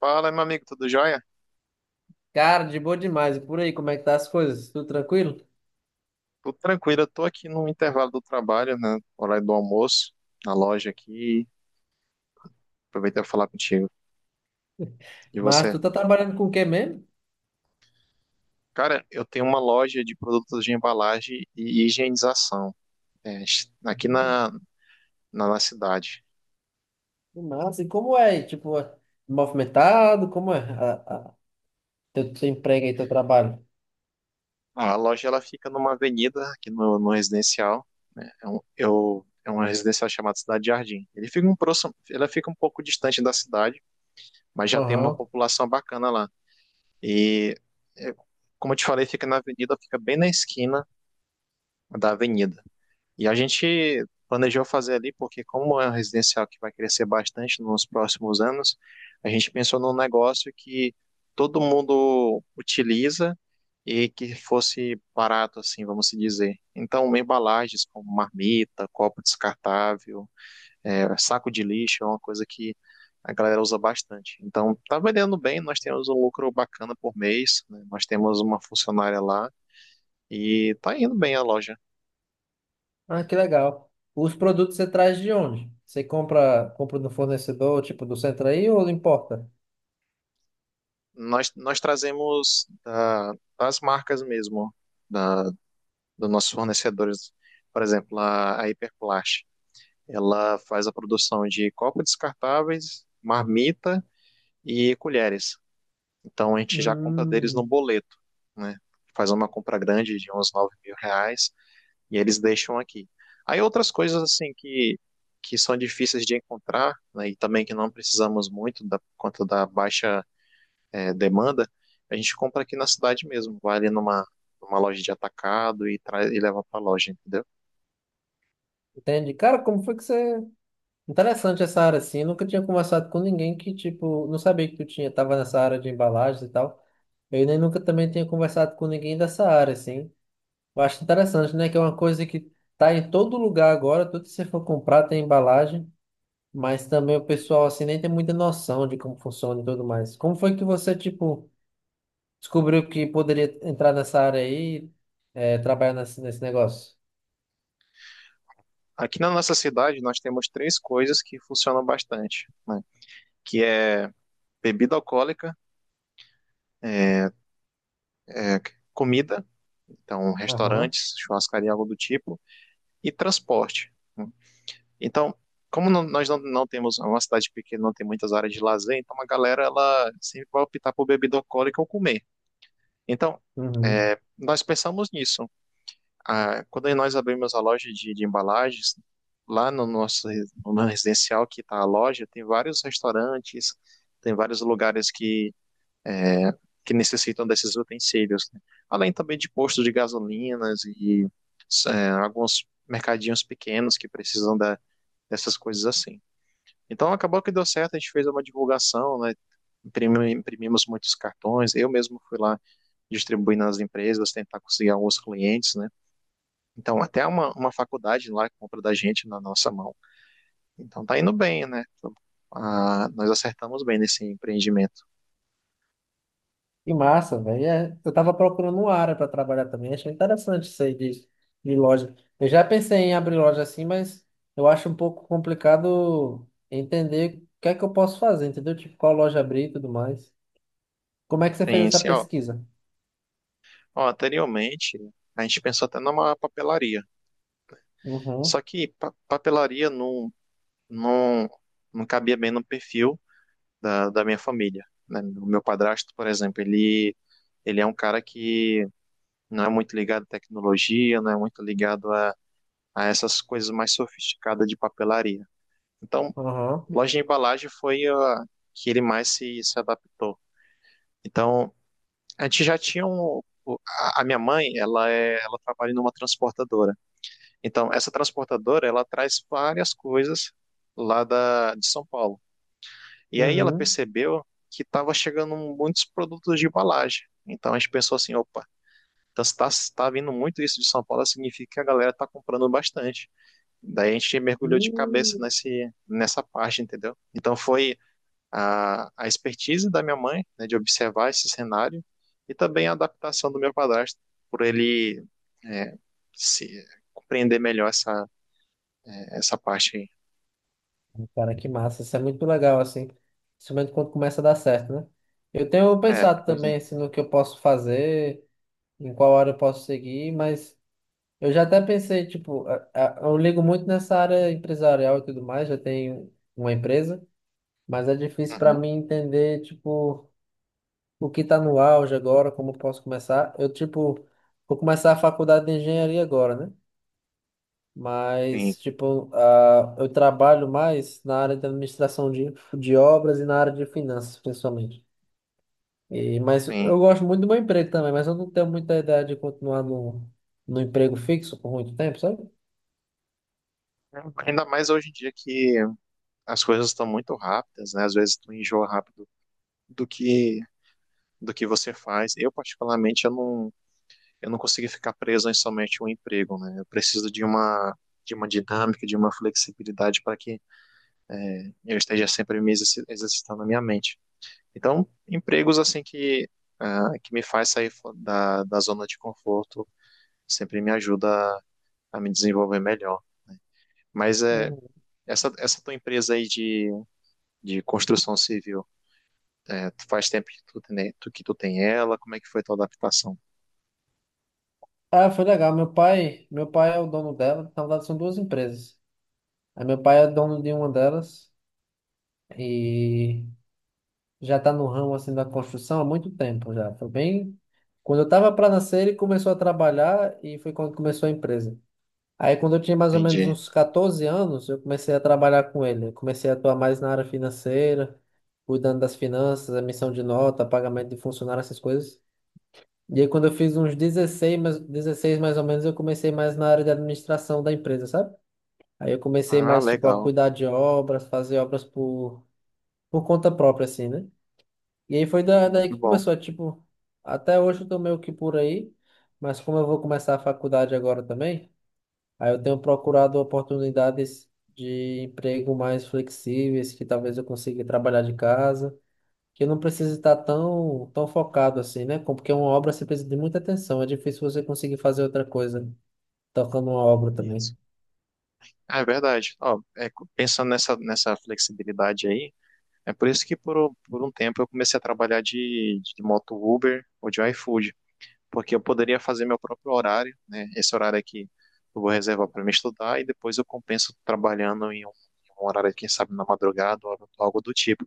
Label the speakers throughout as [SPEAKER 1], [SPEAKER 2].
[SPEAKER 1] Fala, meu amigo, tudo jóia?
[SPEAKER 2] Cara, de boa demais. E por aí, como é que tá as coisas? Tudo tranquilo?
[SPEAKER 1] Tudo tranquilo, eu tô aqui no intervalo do trabalho, né? Horário do almoço, na loja aqui. Aproveitei pra falar contigo. E
[SPEAKER 2] Mas
[SPEAKER 1] você?
[SPEAKER 2] tu tá trabalhando com o que mesmo?
[SPEAKER 1] Cara, eu tenho uma loja de produtos de embalagem e higienização, é, aqui
[SPEAKER 2] Hum,
[SPEAKER 1] na cidade.
[SPEAKER 2] que massa. E como é aí? Tipo, é movimentado? Como é a- teu, teu emprego aí, teu trabalho?
[SPEAKER 1] A loja, ela fica numa avenida aqui no residencial, né? É uma residencial chamada Cidade Jardim. Ele fica um próximo, Ela fica um pouco distante da cidade, mas já tem uma
[SPEAKER 2] Aham.
[SPEAKER 1] população bacana lá. E, é, Como eu te falei, fica na avenida, fica bem na esquina da avenida. E a gente planejou fazer ali porque, como é um residencial que vai crescer bastante nos próximos anos, a gente pensou num negócio que todo mundo utiliza e que fosse barato, assim, vamos se dizer. Então, embalagens como marmita, copo descartável, saco de lixo é uma coisa que a galera usa bastante. Então, tá vendendo bem, nós temos um lucro bacana por mês, né? Nós temos uma funcionária lá e tá indo bem a loja.
[SPEAKER 2] Ah, que legal. Os produtos você traz de onde? Você compra do fornecedor, tipo, do centro aí ou importa?
[SPEAKER 1] Nós trazemos das marcas mesmo, da, dos nossos fornecedores. Por exemplo, a Hiperplast, ela faz a produção de copos descartáveis, marmita e colheres. Então, a gente já compra deles no
[SPEAKER 2] Hum,
[SPEAKER 1] boleto, né? Faz uma compra grande de uns R$ 9.000 e eles deixam aqui. Aí outras coisas assim que são difíceis de encontrar, né, e também que não precisamos muito da, por conta da baixa demanda, a gente compra aqui na cidade mesmo, vai ali numa loja de atacado e, traz, e leva para a loja, entendeu?
[SPEAKER 2] entende? Cara, como foi que você... Interessante essa área, assim. Eu nunca tinha conversado com ninguém que, tipo, não sabia que tu tinha, tava nessa área de embalagens e tal. Eu nem nunca também tinha conversado com ninguém dessa área, assim. Eu acho interessante, né? Que é uma coisa que tá em todo lugar agora, tudo que você for comprar tem embalagem, mas também o pessoal, assim, nem tem muita noção de como funciona e tudo mais. Como foi que você, tipo, descobriu que poderia entrar nessa área aí, é, trabalhar nesse negócio?
[SPEAKER 1] Aqui na nossa cidade nós temos três coisas que funcionam bastante, né, que é bebida alcoólica, é, comida, então
[SPEAKER 2] Aham.
[SPEAKER 1] restaurantes, churrascaria, algo do tipo, e transporte. Né? Então, como nós não temos uma cidade pequena, não tem muitas áreas de lazer, então a galera ela sempre vai optar por bebida alcoólica ou comer. Então,
[SPEAKER 2] Uhum.
[SPEAKER 1] nós pensamos nisso. Ah, quando nós abrimos a loja de embalagens, lá no nosso no nosso residencial que está a loja, tem vários restaurantes, tem vários lugares que necessitam desses utensílios, né? Além também de postos de gasolinas e alguns mercadinhos pequenos que precisam dessas coisas assim. Então acabou que deu certo, a gente fez uma divulgação, né? Imprimimos muitos cartões, eu mesmo fui lá distribuir nas empresas, tentar conseguir alguns clientes, né? Então até uma faculdade lá compra da gente na nossa mão. Então tá indo bem, né? Ah, nós acertamos bem nesse empreendimento.
[SPEAKER 2] Que massa, velho. É, eu tava procurando uma área para trabalhar também. Achei interessante isso aí de loja. Eu já pensei em abrir loja assim, mas eu acho um pouco complicado entender o que é que eu posso fazer, entendeu? Tipo, qual loja abrir e tudo mais. Como é que você fez
[SPEAKER 1] Tem
[SPEAKER 2] essa
[SPEAKER 1] assim, ó,
[SPEAKER 2] pesquisa?
[SPEAKER 1] anteriormente a gente pensou até numa papelaria, só
[SPEAKER 2] Uhum.
[SPEAKER 1] que papelaria não, não cabia bem no perfil da minha família. Né? O meu padrasto, por exemplo, ele é um cara que não é muito ligado à tecnologia, não é muito ligado a essas coisas mais sofisticadas de papelaria. Então,
[SPEAKER 2] Aham.
[SPEAKER 1] loja de embalagem foi a que ele mais se adaptou. Então, a gente já tinha a minha mãe, ela trabalha numa transportadora. Então, essa transportadora, ela traz várias coisas lá de São Paulo. E aí ela
[SPEAKER 2] Uhum.
[SPEAKER 1] percebeu que estava chegando muitos produtos de embalagem. Então a gente pensou assim, opa, então se tá vindo muito isso de São Paulo, significa que a galera está comprando bastante. Daí a gente mergulhou de cabeça
[SPEAKER 2] Hum.
[SPEAKER 1] nessa parte, entendeu? Então foi a expertise da minha mãe, né, de observar esse cenário, e também a adaptação do meu padrasto, por ele é, se compreender melhor essa parte aí.
[SPEAKER 2] Cara, que massa. Isso é muito legal, assim. Principalmente quando começa a dar certo, né? Eu tenho
[SPEAKER 1] É,
[SPEAKER 2] pensado
[SPEAKER 1] pois é.
[SPEAKER 2] também, assim, no que eu posso fazer, em qual área eu posso seguir, mas... Eu já até pensei, tipo, eu ligo muito nessa área empresarial e tudo mais, já tenho uma empresa, mas é difícil para
[SPEAKER 1] Uhum,
[SPEAKER 2] mim entender, tipo, o que tá no auge agora, como eu posso começar. Eu, tipo, vou começar a faculdade de engenharia agora, né?
[SPEAKER 1] sim,
[SPEAKER 2] Mas, tipo, ah, eu trabalho mais na área de administração de obras e na área de finanças, principalmente. E, mas
[SPEAKER 1] sim.
[SPEAKER 2] eu gosto muito do meu emprego também, mas eu não tenho muita ideia de continuar no, no emprego fixo por muito tempo, sabe?
[SPEAKER 1] Ainda mais hoje em dia que as coisas estão muito rápidas, né? Às vezes tu enjoa rápido do que você faz. Eu particularmente eu não consigo ficar preso em somente um emprego, né? Eu preciso de uma dinâmica, de uma flexibilidade para que eu esteja sempre me exercitando a minha mente. Então, empregos assim que me faz sair da zona de conforto sempre me ajuda a me desenvolver melhor. Mas é essa tua empresa aí de construção civil. É, tu faz tempo que tu tem ela, como é que foi tua adaptação?
[SPEAKER 2] Ah, foi legal. Meu pai é o dono dela. Na verdade, são duas empresas. Aí meu pai é dono de uma delas e já está no ramo assim da construção há muito tempo já. Foi bem quando eu estava para nascer, ele começou a trabalhar e foi quando começou a empresa. Aí quando eu tinha mais ou menos
[SPEAKER 1] Entendi.
[SPEAKER 2] uns 14 anos, eu comecei a trabalhar com ele. Eu comecei a atuar mais na área financeira, cuidando das finanças, emissão de nota, pagamento de funcionário, essas coisas. E aí, quando eu fiz uns 16 mais ou menos, eu comecei mais na área de administração da empresa, sabe? Aí eu comecei
[SPEAKER 1] Ah,
[SPEAKER 2] mais, tipo, a
[SPEAKER 1] legal,
[SPEAKER 2] cuidar de obras, fazer obras por conta própria, assim, né? E aí foi daí
[SPEAKER 1] muito
[SPEAKER 2] que
[SPEAKER 1] bom.
[SPEAKER 2] começou, tipo, até hoje eu tô meio que por aí, mas como eu vou começar a faculdade agora também, aí eu tenho procurado oportunidades de emprego mais flexíveis, que talvez eu consiga trabalhar de casa que não precisa estar tão, tão focado assim, né? Com- Porque uma obra você precisa de muita atenção. É difícil você conseguir fazer outra coisa tocando uma obra
[SPEAKER 1] Isso.
[SPEAKER 2] também.
[SPEAKER 1] Ah, é verdade. Ó, pensando nessa flexibilidade aí, é por isso que por um tempo eu comecei a trabalhar de moto Uber ou de iFood, porque eu poderia fazer meu próprio horário, né? Esse horário aqui eu vou reservar para me estudar e depois eu compenso trabalhando em um horário, quem sabe, na madrugada ou algo do tipo.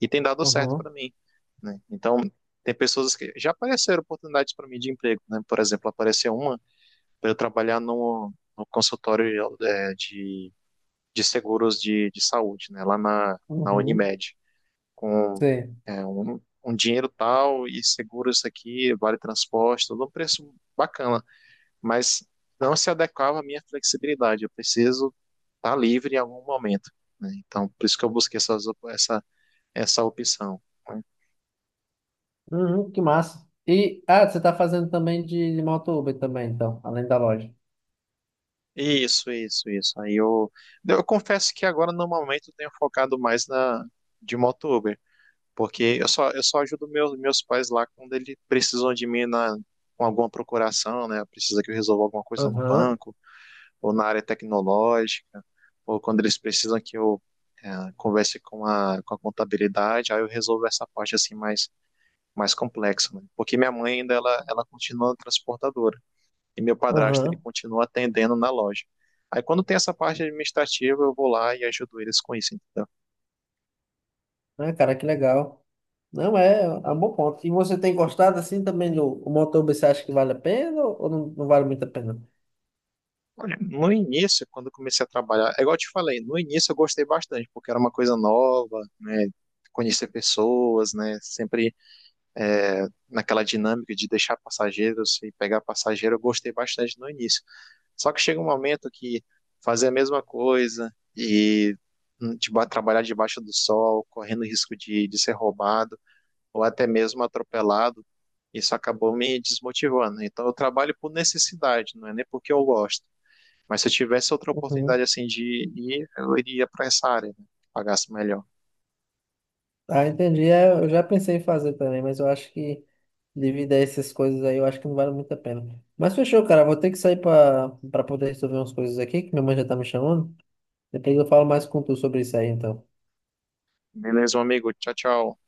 [SPEAKER 1] E tem dado certo
[SPEAKER 2] Uhum.
[SPEAKER 1] para mim, né? Então, tem pessoas que já apareceram oportunidades para mim de emprego, né? Por exemplo, apareceu uma para eu trabalhar no consultório de seguros de saúde, né? Lá na
[SPEAKER 2] Uhum.
[SPEAKER 1] Unimed, com
[SPEAKER 2] Sei.
[SPEAKER 1] um dinheiro tal e seguro isso aqui, vale transporte, tudo um preço bacana, mas não se adequava à minha flexibilidade. Eu preciso estar livre em algum momento. Né? Então, por isso que eu busquei essa opção. Né?
[SPEAKER 2] Uhum, que massa. E, ah, você está fazendo também de moto Uber também, então, além da loja.
[SPEAKER 1] Isso, isso, isso. Aí eu confesso que agora no momento eu tenho focado mais na de motoboy, porque eu só ajudo meus pais lá quando eles precisam de mim na com alguma procuração, né? Precisa que eu resolva alguma coisa no
[SPEAKER 2] Uhum.
[SPEAKER 1] banco ou na área tecnológica, ou quando eles precisam que eu converse com a contabilidade, aí eu resolvo essa parte assim mais complexa, né? Porque minha mãe ainda ela continua transportadora e meu padrasto ele
[SPEAKER 2] Uhum.
[SPEAKER 1] continua atendendo na loja. Aí quando tem essa parte administrativa, eu vou lá e ajudo eles com isso, entendeu?
[SPEAKER 2] Ah, cara, que legal. Não, é, é um bom ponto. E você tem gostado assim também do o motor, você acha que vale a pena ou não, não vale muito a pena?
[SPEAKER 1] Olha, no início, quando eu comecei a trabalhar, é igual eu te falei, no início eu gostei bastante, porque era uma coisa nova, né? Conhecer pessoas, né? Sempre naquela dinâmica de deixar passageiros e pegar passageiro, eu gostei bastante no início. Só que chega um momento que fazer a mesma coisa e trabalhar debaixo do sol, correndo risco de ser roubado, ou até mesmo atropelado, isso acabou me desmotivando. Então eu trabalho por necessidade, não é nem porque eu gosto. Mas se eu tivesse outra oportunidade
[SPEAKER 2] Uhum.
[SPEAKER 1] assim de ir, eu iria para essa área, né? Pagasse melhor.
[SPEAKER 2] Ah, entendi. É, eu já pensei em fazer também, mas eu acho que devido a essas coisas aí, eu acho que não vale muito a pena. Mas fechou, cara. Vou ter que sair para poder resolver umas coisas aqui, que minha mãe já tá me chamando. Depois eu falo mais com tu sobre isso aí, então.
[SPEAKER 1] Beleza, meu amigo. Tchau, tchau.